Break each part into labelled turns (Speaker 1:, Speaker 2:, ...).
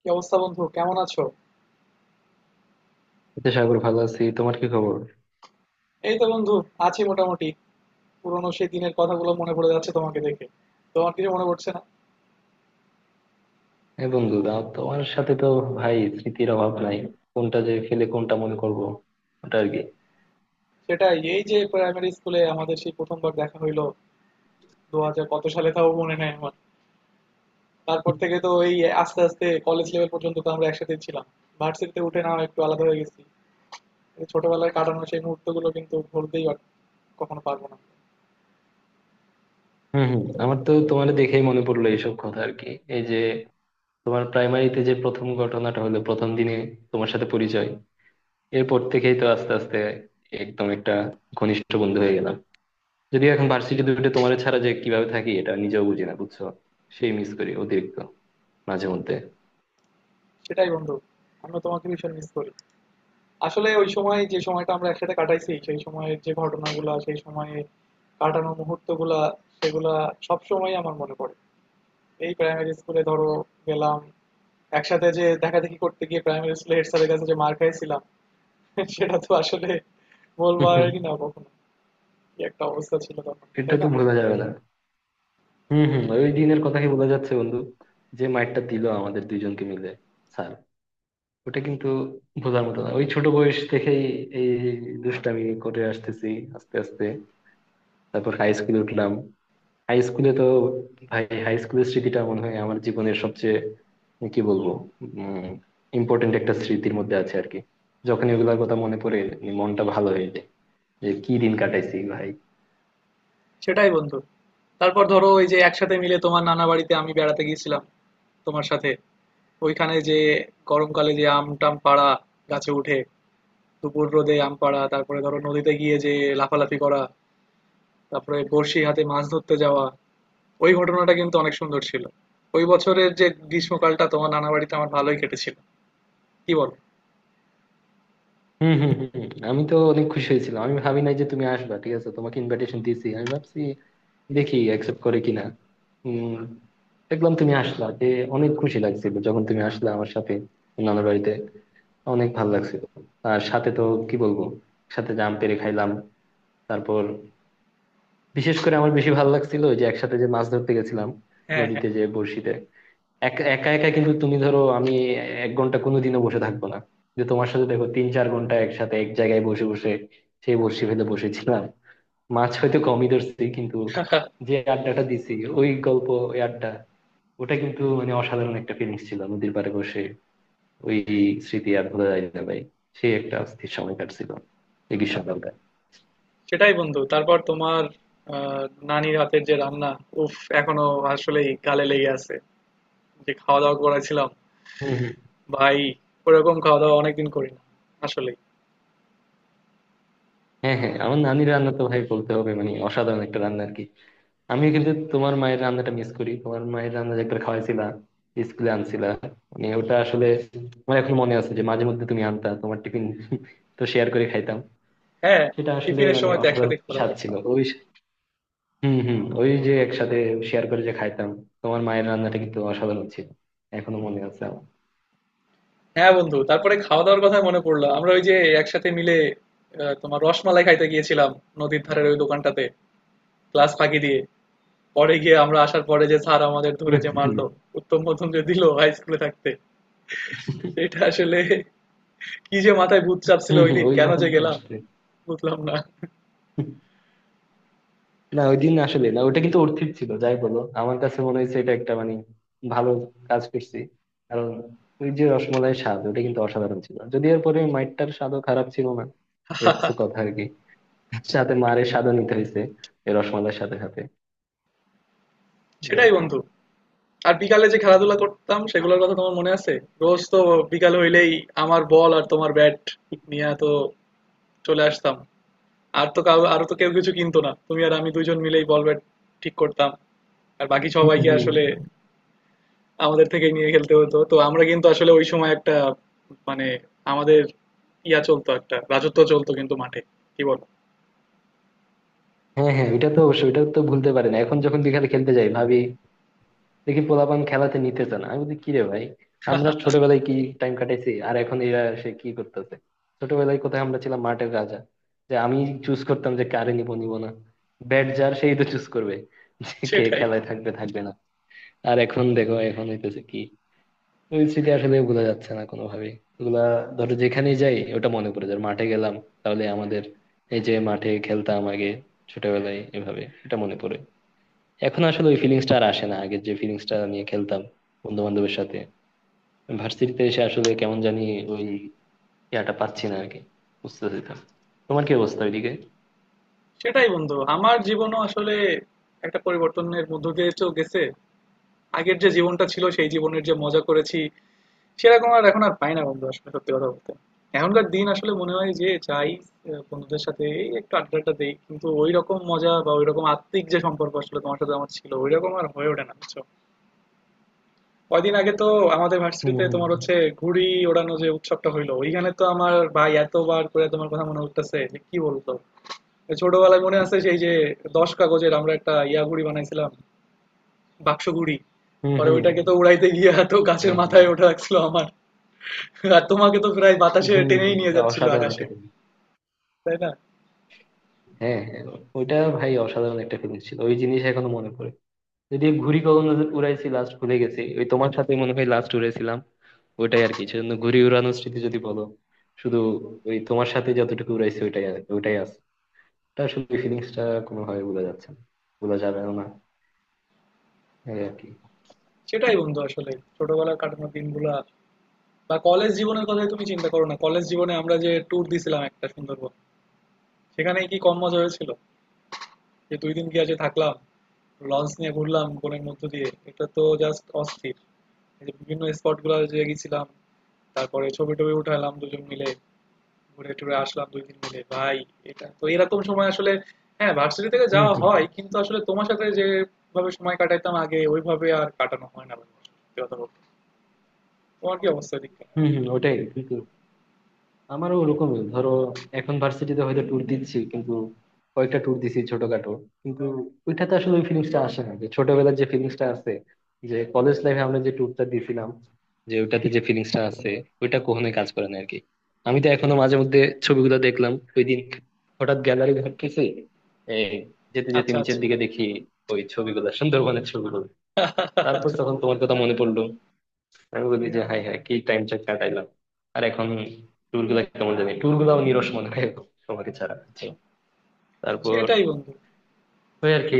Speaker 1: কি অবস্থা বন্ধু কেমন আছো?
Speaker 2: এই তো সাগর, ভালো আছি। তোমার কি খবর?
Speaker 1: এই তো বন্ধু, আছি মোটামুটি। পুরোনো সেই দিনের কথাগুলো মনে পড়ে যাচ্ছে তোমাকে দেখে। তোমার কিছু মনে পড়ছে না?
Speaker 2: এই বন্ধু দাও, তোমার সাথে তো ভাই স্মৃতির অভাব নাই। কোনটা যে ফেলে কোনটা মনে করব, ওটা আর কি।
Speaker 1: সেটাই, এই যে প্রাইমারি স্কুলে আমাদের সেই প্রথমবার দেখা হইলো, দু হাজার কত সালে তাও মনে নাই আমার। তারপর থেকে তো এই আস্তে আস্তে কলেজ লেভেল পর্যন্ত তো আমরা একসাথে ছিলাম। ভার্সিটিতে উঠে না হয় একটু আলাদা হয়ে গেছি। এই ছোটবেলায় কাটানো সেই মুহূর্তগুলো কিন্তু কখনো পারবো না।
Speaker 2: হম হম, আমার তো তোমার দেখেই মনে পড়লো এইসব কথা আর কি। এই যে তোমার প্রাইমারিতে যে প্রথম ঘটনাটা হলো প্রথম দিনে, তোমার সাথে পরিচয়, এরপর থেকেই তো আস্তে আস্তে একদম একটা ঘনিষ্ঠ বন্ধু হয়ে গেলাম। যদিও এখন ভার্সিটি দুটো, তোমার ছাড়া যে কিভাবে থাকি এটা নিজেও বুঝি না, বুঝছো? সেই মিস করি অতিরিক্ত মাঝে মধ্যে।
Speaker 1: সেটাই বন্ধু, আমি তোমাকে ভীষণ মিস করি। আসলে ওই সময় যে সময়টা আমরা একসাথে কাটাইছি, সেই সময়ের যে ঘটনাগুলা, সেই সময়ে কাটানো মুহূর্তগুলা, সেগুলা সব সময় আমার মনে পড়ে। এই প্রাইমারি স্কুলে ধরো গেলাম, একসাথে যে দেখাদেখি করতে গিয়ে প্রাইমারি স্কুলে হেড স্যারের কাছে যে মার খাইছিলাম সেটা তো আসলে
Speaker 2: হুম, হুম।
Speaker 1: বলবারই না কখনো। কি একটা অবস্থা ছিল তখন,
Speaker 2: এটা
Speaker 1: তাই
Speaker 2: তো
Speaker 1: না?
Speaker 2: ভোলা যাবে না। হম হম, ওই দিনের কথাই বোঝা যাচ্ছে বন্ধু। যে মাইরটা দিল আমাদের দুইজনকে মিলে স্যার, ওটা কিন্তু বোঝার মতো না। ওই ছোট বয়স থেকেই এই দুষ্টামি করে আসতেছি আস্তে আস্তে। তারপর হাই স্কুলে উঠলাম। হাই স্কুলে তো ভাই, হাই স্কুলের স্মৃতিটা মনে হয় আমার জীবনের সবচেয়ে, কি বলবো, উম ইম্পর্টেন্ট একটা স্মৃতির মধ্যে আছে আর কি। যখন এগুলার কথা মনে পড়ে মনটা ভালো হয়ে যায়, যে কি দিন কাটাইছি ভাই।
Speaker 1: সেটাই বন্ধু। তারপর ধরো ওই যে একসাথে মিলে তোমার নানা বাড়িতে আমি বেড়াতে গিয়েছিলাম তোমার সাথে। ওইখানে যে গরমকালে যে আম টাম পাড়া, গাছে উঠে দুপুর রোদে আম পাড়া, তারপরে ধরো নদীতে গিয়ে যে লাফালাফি করা, তারপরে বড়শি হাতে মাছ ধরতে যাওয়া, ওই ঘটনাটা কিন্তু অনেক সুন্দর ছিল। ওই বছরের যে গ্রীষ্মকালটা তোমার নানা বাড়িতে আমার ভালোই কেটেছিল। কি বলো?
Speaker 2: হম হম হম, আমি তো অনেক খুশি হয়েছিলাম। আমি ভাবি নাই যে তুমি আসবা। ঠিক আছে, তোমাকে ইনভাইটেশন দিয়েছি, আমি ভাবছি দেখি অ্যাকসেপ্ট করে কিনা। উম দেখলাম তুমি আসলা যে, অনেক খুশি লাগছিল যখন তুমি আসলা আমার সাথে নানার বাড়িতে। অনেক ভালো লাগছিল। আর সাথে তো, কি বলবো, সাথে জাম পেরে খাইলাম। তারপর বিশেষ করে আমার বেশি ভালো লাগছিল ওই যে একসাথে যে মাছ ধরতে গেছিলাম
Speaker 1: হ্যাঁ, হ্যাঁ।
Speaker 2: নদীতে, যে বড়শিতে একা একা কিন্তু। তুমি ধরো আমি 1 ঘন্টা কোনোদিনও বসে থাকবো না, যে তোমার সাথে দেখো 3-4 ঘন্টা একসাথে এক জায়গায় বসে বসে সেই বসি ভেদে বসেছিলাম। মাছ হয়তো কমই ধরছি কিন্তু যে আড্ডাটা দিছি, ওই গল্প, ওই আড্ডা, ওটা কিন্তু মানে অসাধারণ একটা ফিলিংস ছিল নদীর পাড়ে বসে। ওই স্মৃতি আর ভোলা যায় না ভাই। সেই একটা অস্থির সময় কাটছিল এই গ্রীষ্মকালটা।
Speaker 1: সেটাই বন্ধু। তারপর তোমার আহ, নানির হাতের যে রান্না, উফ, এখনো আসলেই গালে লেগে আছে। যে খাওয়া দাওয়া করেছিলাম,
Speaker 2: হম হম।
Speaker 1: ভাই, ওরকম খাওয়া দাওয়া অনেকদিন করি না। আসলেই।
Speaker 2: হ্যাঁ হ্যাঁ, আমার নানির রান্না তো ভাই বলতে হবে মানে অসাধারণ একটা রান্না আর কি। আমি কিন্তু তোমার মায়ের রান্নাটা মিস করি। তোমার মায়ের রান্না যে একবার খাওয়াইছিলা, স্কুলে আনছিলা, মানে ওটা আসলে, আমার এখন মনে আছে যে মাঝে মধ্যে তুমি আনতা তোমার টিফিন, তো শেয়ার করে খাইতাম।
Speaker 1: হ্যাঁ,
Speaker 2: সেটা আসলে
Speaker 1: টিফিনের
Speaker 2: মানে
Speaker 1: সময় তো
Speaker 2: অসাধারণ
Speaker 1: একসাথে খাওয়া দাওয়া
Speaker 2: স্বাদ ছিল
Speaker 1: করতাম।
Speaker 2: ওই। হম হম, ওই যে একসাথে শেয়ার করে যে খাইতাম, তোমার মায়ের রান্নাটা কিন্তু অসাধারণ ছিল, এখনো মনে আছে আমার।
Speaker 1: হ্যাঁ বন্ধু, তারপরে খাওয়া দাওয়ার কথা মনে পড়লো, আমরা ওই যে একসাথে মিলে আহ, তোমার রসমালাই খাইতে গিয়েছিলাম নদীর ধারের ওই দোকানটাতে, ক্লাস ফাঁকি দিয়ে। পরে গিয়ে আমরা আসার পরে যে স্যার আমাদের ধরে যে
Speaker 2: হম,
Speaker 1: মারলো, উত্তম মধ্যম যে দিল হাই স্কুলে থাকতে, সেটা আসলে কি যে মাথায় ভূত চাপছিল
Speaker 2: হম,
Speaker 1: ওই
Speaker 2: হম,
Speaker 1: দিন,
Speaker 2: ওই
Speaker 1: কেন যে
Speaker 2: ঘটনা তো
Speaker 1: গেলাম
Speaker 2: আসছে।
Speaker 1: বুঝলাম না।
Speaker 2: না, ওই দিন আসলে, না ওটা কিন্তু অর্থিত ছিল যাই বলো। আমার কাছে মনে হয়েছে এটা একটা মানে ভালো কাজ করছি, কারণ ওই যে রসমলাইয়ের স্বাদ ওটা কিন্তু অসাধারণ ছিল। যদি এরপরে মাইটটার স্বাদও খারাপ ছিল না, এই কিছু কথা আর কি, সাথে মারের স্বাদও নিতে হয়েছে এই রসমালাইয়ের সাথে সাথে, এই আর
Speaker 1: সেটাই
Speaker 2: কি।
Speaker 1: বন্ধু, আর বিকালে যে খেলাধুলা করতাম সেগুলোর কথা তোমার মনে আছে? রোজ তো বিকাল হইলেই আমার বল আর তোমার ব্যাট নিয়ে তো চলে আসতাম। আর তো কেউ কিছু কিনতো না। তুমি আর আমি দুইজন মিলেই বল ব্যাট ঠিক করতাম। আর বাকি
Speaker 2: হম
Speaker 1: সবাইকে
Speaker 2: হম।
Speaker 1: আসলে আমাদের থেকেই নিয়ে খেলতে হতো। তো আমরা কিন্তু আসলে ওই সময় একটা মানে আমাদের ইয়া চলতো, একটা রাজত্ব চলতো কিন্তু মাঠে। কি বলো?
Speaker 2: হ্যাঁ হ্যাঁ, ওইটা তো অবশ্যই, ওইটা তো ভুলতে পারি না। এখন যখন বিকালে খেলতে যাই, ভাবি দেখি পোলাপান খেলাতে নিতেছে না, আমি বলি কিরে ভাই, আমরা ছোটবেলায় কি টাইম কাটাইছি, আর এখন এরা এসে কি করতেছে। ছোটবেলায় কোথায় আমরা ছিলাম মাঠের রাজা, যে আমি চুজ করতাম যে কারে নিব নিব না, ব্যাট যার সেই তো চুজ করবে যে কে
Speaker 1: সেটাই।
Speaker 2: খেলায় থাকবে থাকবে না। আর এখন দেখো এখন হইতেছে কি, ওই স্মৃতি আসলে ভোলা যাচ্ছে না কোনোভাবেই। ওগুলা ধরো যেখানেই যাই ওটা মনে পড়ে যায়। মাঠে গেলাম, তাহলে আমাদের এই যে মাঠে খেলতাম আগে ছোটবেলায় এভাবে, এটা মনে পড়ে। এখন আসলে ওই ফিলিংসটা আর আসে না, আগের যে ফিলিংসটা নিয়ে খেলতাম বন্ধু বান্ধবের সাথে। ভার্সিটিতে এসে আসলে কেমন জানি ওই ইয়াটা পাচ্ছি না আরকি, বুঝতেছি তো। তোমার কি অবস্থা ওইদিকে?
Speaker 1: সেটাই বন্ধু। আমার জীবনও আসলে একটা পরিবর্তনের মধ্য দিয়ে তো গেছে। আগের যে জীবনটা ছিল, সেই জীবনের যে মজা করেছি সেরকম আর এখন আর পাই না বন্ধু, আসলে সত্যি কথা বলতে। এখনকার দিন আসলে মনে হয় যে চাই আহ, বন্ধুদের সাথে এই একটু আড্ডাটা দেই, কিন্তু ওই রকম মজা বা ওই রকম আত্মিক যে সম্পর্ক আসলে তোমার সাথে আমার ছিল ওই রকম আর হয়ে ওঠে না, বুঝছো? কয়দিন আগে তো আমাদের
Speaker 2: হুম
Speaker 1: ভার্সিটিতে
Speaker 2: হুম।
Speaker 1: তোমার হচ্ছে ঘুড়ি ওড়ানো যে উৎসবটা হইলো, ওইখানে তো আমার ভাই এতবার করে তোমার কথা মনে উঠতেছে যে কি বলতো। ওই ছোটবেলায় মনে আছে সেই যে 10 কাগজের আমরা একটা ইয়া ঘুড়ি বানাইছিলাম, বাক্স ঘুড়ি।
Speaker 2: হুম
Speaker 1: পরে
Speaker 2: হুম হুম।
Speaker 1: ওইটাকে তো উড়াইতে গিয়ে তো গাছের
Speaker 2: হ্যাঁ হ্যাঁ।
Speaker 1: মাথায় ওঠা লাগছিল আমার। আর তোমাকে তো প্রায়
Speaker 2: হুম
Speaker 1: বাতাসে
Speaker 2: হুম
Speaker 1: টেনেই
Speaker 2: হুম।
Speaker 1: নিয়ে
Speaker 2: এটা
Speaker 1: যাচ্ছিল
Speaker 2: অসাধারণ
Speaker 1: আকাশে,
Speaker 2: একটা ফিলিং।
Speaker 1: তাই না?
Speaker 2: হ্যাঁ হ্যাঁ, ওইটা ভাই অসাধারণ একটা ফিলিং ছিল, ওই জিনিস এখনো মনে পড়ে। যদি ঘুড়ি কখন উড়াইছি লাস্ট, ভুলে গেছি, ওই তোমার সাথে মনে হয় লাস্ট উড়াইছিলাম। ওইটাই আর কি, সেজন্য ঘুড়ি উড়ানোর স্মৃতি যদি বলো, শুধু ওই তোমার সাথে যতটুকু উড়াইছি ওইটাই আছে। তা আসলে ফিলিংসটা কোনোভাবে বোঝা যাচ্ছে না, বোঝা যাবেও না, এই আর কি।
Speaker 1: সেটাই বন্ধু, আসলে ছোটবেলার কাটানো দিনগুলা বা কলেজ জীবনের কথাই তুমি চিন্তা করো না, কলেজ জীবনে আমরা যে ট্যুর দিছিলাম একটা সুন্দরবন, সেখানে কি কম মজা হয়েছিল? যে 2 দিন গিয়ে যে থাকলাম, লঞ্চ নিয়ে ঘুরলাম বনের মধ্য দিয়ে, এটা তো জাস্ট অস্থির। এই যে বিভিন্ন স্পট গুলো যে গেছিলাম, তারপরে ছবি টবি উঠালাম দুজন মিলে, ঘুরে টুরে আসলাম 2 দিন মিলে ভাই, এটা তো এরকম সময় আসলে। হ্যাঁ ভার্সিটি থেকে
Speaker 2: হম
Speaker 1: যাওয়া
Speaker 2: হম।
Speaker 1: হয় কিন্তু আসলে তোমার সাথে যেভাবে সময় কাটাইতাম আগে ওইভাবে আর কাটানো হয় না ভাই, সত্যি কথা বলতে। তোমার কি অবস্থা এদিককার?
Speaker 2: হম হম, ওটাই কিন্তু আমারও ওরকমই। ধরো এখন ভার্সিটিতে হয়তো ট্যুর দিচ্ছি, কিন্তু কয়েকটা ট্যুর দিছি ছোটখাটো, কিন্তু ওইটাতে আসলে ওই ফিলিংসটা আসে না যে ছোটবেলার যে ফিলিংসটা আছে, যে কলেজ লাইফে আমরা যে ট্যুরটা দিছিলাম, যে ওইটাতে যে ফিলিংসটা আছে, ওইটা কখনোই কাজ করে না আর কি। আমি তো এখনো মাঝে মধ্যে, ছবিগুলো দেখলাম ওই দিন, হঠাৎ গ্যালারি ঘাটতেছি, এই যেতে যেতে
Speaker 1: আচ্ছা, আচ্ছা।
Speaker 2: নিচের দিকে দেখি ওই ছবিগুলো, সুন্দরবনের ছবিগুলো। তারপর তখন তোমার কথা মনে পড়লো, আমি বলি যে হাই হাই কি টাইম চেক কাটাইলাম। আর এখন ট্যুর গুলা কেমন জানি, ট্যুর গুলাও নিরস মনে হয় এখন তোমাকে ছাড়া, বুঝছো? তারপর
Speaker 1: সেটাই বন্ধু,
Speaker 2: ওই আর কি,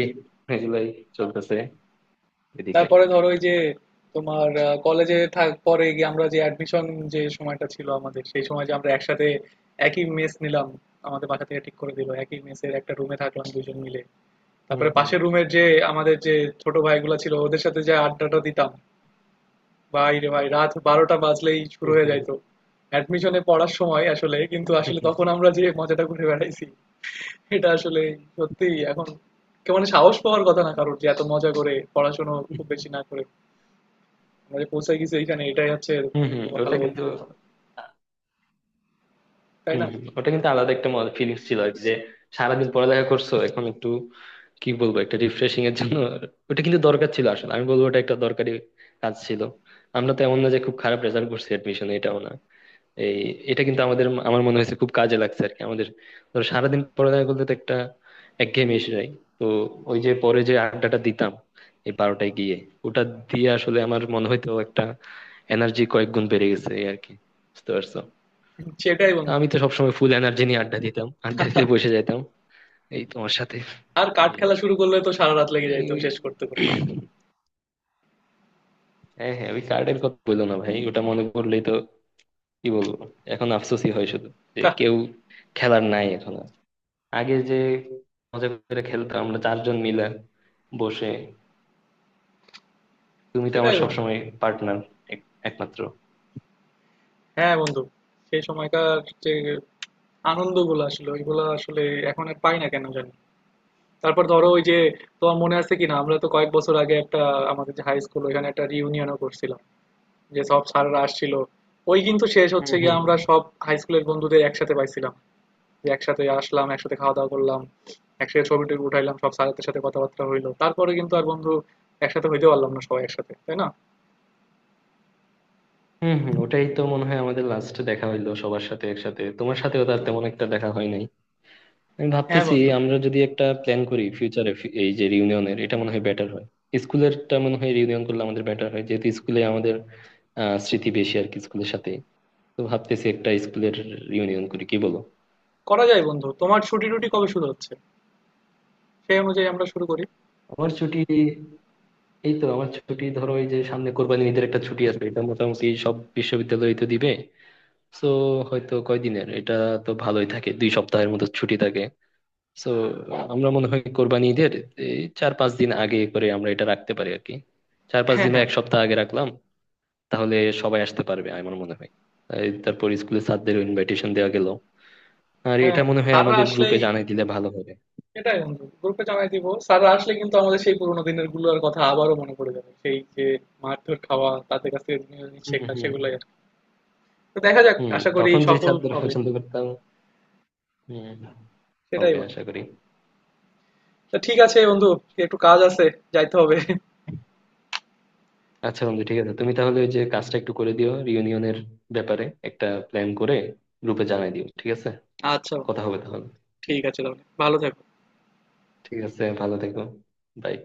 Speaker 2: এগুলাই চলতেছে এদিকে।
Speaker 1: তারপরে ধরো ওই যে তোমার কলেজে থাক, পরে গিয়ে আমরা যে অ্যাডমিশন, যে সময়টা ছিল আমাদের, সেই সময় যে আমরা একসাথে একই মেস নিলাম, আমাদের বাসা থেকে ঠিক করে দিল, একই মেসের একটা রুমে থাকলাম দুজন মিলে।
Speaker 2: হুম
Speaker 1: তারপরে
Speaker 2: হুম।
Speaker 1: পাশের রুমের যে আমাদের যে ছোট ভাইগুলো ছিল ওদের সাথে যে আড্ডাটা দিতাম, ভাই রে ভাই, রাত 12টা বাজলেই শুরু
Speaker 2: হুম
Speaker 1: হয়ে
Speaker 2: হুম।
Speaker 1: যাইতো। অ্যাডমিশনে পড়ার সময় আসলে তখন আমরা যে মজাটা করে বেড়াইছি, এটা আসলে সত্যি এখন কেমন সাহস পাওয়ার কথা না কারোর, যে এত মজা করে পড়াশোনা খুব বেশি না করে আমরা যে পৌঁছে গেছি এইখানে, এটাই হচ্ছে
Speaker 2: হুম হুম।
Speaker 1: ভালো
Speaker 2: ওটা
Speaker 1: বলতে
Speaker 2: কিন্তু,
Speaker 1: হয়, তাই
Speaker 2: হম,
Speaker 1: না?
Speaker 2: ওটা কিন্তু আলাদা একটা মজা ফিলিংস ছিল আর কি। যে সারাদিন পড়ালেখা করছো, এখন একটু, কি বলবো, একটা রিফ্রেশিং এর জন্য ওটা কিন্তু দরকার ছিল। আসলে আমি বলবো ওটা একটা দরকারি কাজ ছিল। আমরা তো এমন না যে খুব খারাপ রেজাল্ট করছি অ্যাডমিশনে, এটাও না। এই এটা কিন্তু আমাদের, আমার মনে হয়েছে খুব কাজে লাগছে আর কি আমাদের। ধরো সারাদিন পড়ালেখা করতে তো একটা একঘেয়েমি এসে যায়, তো ওই যে পরে যে আড্ডাটা দিতাম এই 12টায় গিয়ে, ওটা দিয়ে আসলে আমার মনে হয়তো একটা এনার্জি কয়েক গুণ বেড়ে গেছে এই আর কি, বুঝতে পারছো?
Speaker 1: সেটাই
Speaker 2: তো
Speaker 1: বন্ধু,
Speaker 2: আমি তো সবসময় ফুল এনার্জি নিয়ে আড্ডা দিতাম, আড্ডা দিতে বসে যেতাম এই তোমার সাথে।
Speaker 1: আর কাঠ
Speaker 2: এই
Speaker 1: খেলা শুরু করলে তো সারা রাত লেগে
Speaker 2: মানে
Speaker 1: যাইতো
Speaker 2: ওই,
Speaker 1: শেষ করতে করতে।
Speaker 2: হ্যাঁ হ্যাঁ, ওই কার্ডের কথা বললো না ভাই, ওটা মনে পড়লেই তো, কি বলবো, এখন আফসোসই হয় শুধু, যে কেউ খেলার নাই এখন আর। আগে যে মজা করে খেলতাম আমরা 4 জন মিলে বসে, তুমি তো আমার
Speaker 1: সেটাই বন্ধু।
Speaker 2: সবসময় পার্টনার, একমাত্র।
Speaker 1: হ্যাঁ বন্ধু, সেই সময়কার যে আনন্দগুলো, আসলে ওইগুলো আসলে এখন আর পাই না কেন জানি। তারপর ধরো ওই যে তোমার মনে আছে কিনা, আমরা তো কয়েক বছর আগে একটা আমাদের যে হাই স্কুল ওইখানে একটা রিউনিয়নও করছিলাম, যে সব স্যাররা আসছিল, ওই কিন্তু শেষ
Speaker 2: হুম
Speaker 1: হচ্ছে গিয়ে
Speaker 2: হুম।
Speaker 1: আমরা সব হাই স্কুলের বন্ধুদের একসাথে পাইছিলাম, যে একসাথে আসলাম, একসাথে খাওয়া দাওয়া করলাম, একসাথে ছবি টবি উঠাইলাম, সব স্যারদের সাথে কথাবার্তা হইলো। তারপরে কিন্তু আর বন্ধু একসাথে হইতে পারলাম না সবাই একসাথে, তাই না?
Speaker 2: হম হম, ওটাই তো মনে হয় আমাদের লাস্টে দেখা হইলো সবার সাথে একসাথে। তোমার সাথেও তার তেমন একটা দেখা হয় নাই। আমি
Speaker 1: হ্যাঁ
Speaker 2: ভাবতেছি
Speaker 1: বন্ধু,
Speaker 2: আমরা যদি একটা প্ল্যান করি ফিউচারে, এই যে রিউনিয়নের, এটা মনে হয় বেটার হয়। স্কুলেরটা মনে হয় রিউনিয়ন করলে আমাদের বেটার হয়, যেহেতু স্কুলে আমাদের আহ স্মৃতি বেশি আর কি স্কুলের সাথে। তো ভাবতেছি একটা স্কুলের রিউনিয়ন করি, কি বলো?
Speaker 1: করা যায় বন্ধু, তোমার ছুটি টুটি কবে শুরু হচ্ছে? সেই অনুযায়ী আমরা শুরু করি।
Speaker 2: আমার ছুটি, এই তো আমার ছুটি ধরো এই যে সামনে কোরবানি ঈদের একটা ছুটি আছে, এটা মোটামুটি সব বিশ্ববিদ্যালয় তো দিবে। তো হয়তো কয়দিনের এটা, তো ভালোই থাকে, 2 সপ্তাহের মতো ছুটি থাকে। তো আমরা মনে হয় কোরবানি ঈদের এই 4-5 দিন আগে করে আমরা এটা রাখতে পারি আর কি। চার পাঁচ
Speaker 1: হ্যাঁ
Speaker 2: দিন বা
Speaker 1: হ্যাঁ।
Speaker 2: 1 সপ্তাহ আগে রাখলাম, তাহলে সবাই আসতে পারবে আমার মনে হয়। এই তারপর স্কুলে স্যারদেরও ইনভাইটেশন দেওয়া গেল, আর
Speaker 1: হ্যাঁ,
Speaker 2: এটা মনে হয়
Speaker 1: স্যাররা
Speaker 2: আমাদের গ্রুপে
Speaker 1: আসলেই,
Speaker 2: জানিয়ে দিলে ভালো হবে।
Speaker 1: এটাই বন্ধু গ্রুপে জানাই দিব, স্যাররা আসলে কিন্তু আমাদের সেই পুরোনো দিনের গুলোর কথা আবারও মনে পড়ে যাবে, সেই যে মারধর খাওয়া, তাদের কাছ থেকে জিনিস জিনিস
Speaker 2: হুম
Speaker 1: শেখা,
Speaker 2: হুম।
Speaker 1: সেগুলাই আর কি। তো দেখা যাক,
Speaker 2: হুম,
Speaker 1: আশা করি
Speaker 2: তখন যে
Speaker 1: সফল
Speaker 2: স্যারদের
Speaker 1: হবে।
Speaker 2: পছন্দ করতাম। হুম,
Speaker 1: সেটাই
Speaker 2: হবে
Speaker 1: বন্ধু।
Speaker 2: আশা করি।
Speaker 1: তো ঠিক আছে বন্ধু, একটু কাজ আছে, যাইতে হবে।
Speaker 2: আচ্ছা বন্ধু ঠিক আছে, তুমি তাহলে ওই যে কাজটা একটু করে দিও, রিউনিয়নের ব্যাপারে একটা প্ল্যান করে গ্রুপে জানাই দিও, ঠিক আছে?
Speaker 1: আচ্ছা বন্ধু,
Speaker 2: কথা হবে তাহলে।
Speaker 1: ঠিক আছে, তাহলে ভালো থাকো।
Speaker 2: ঠিক আছে, ভালো থেকো। বাই।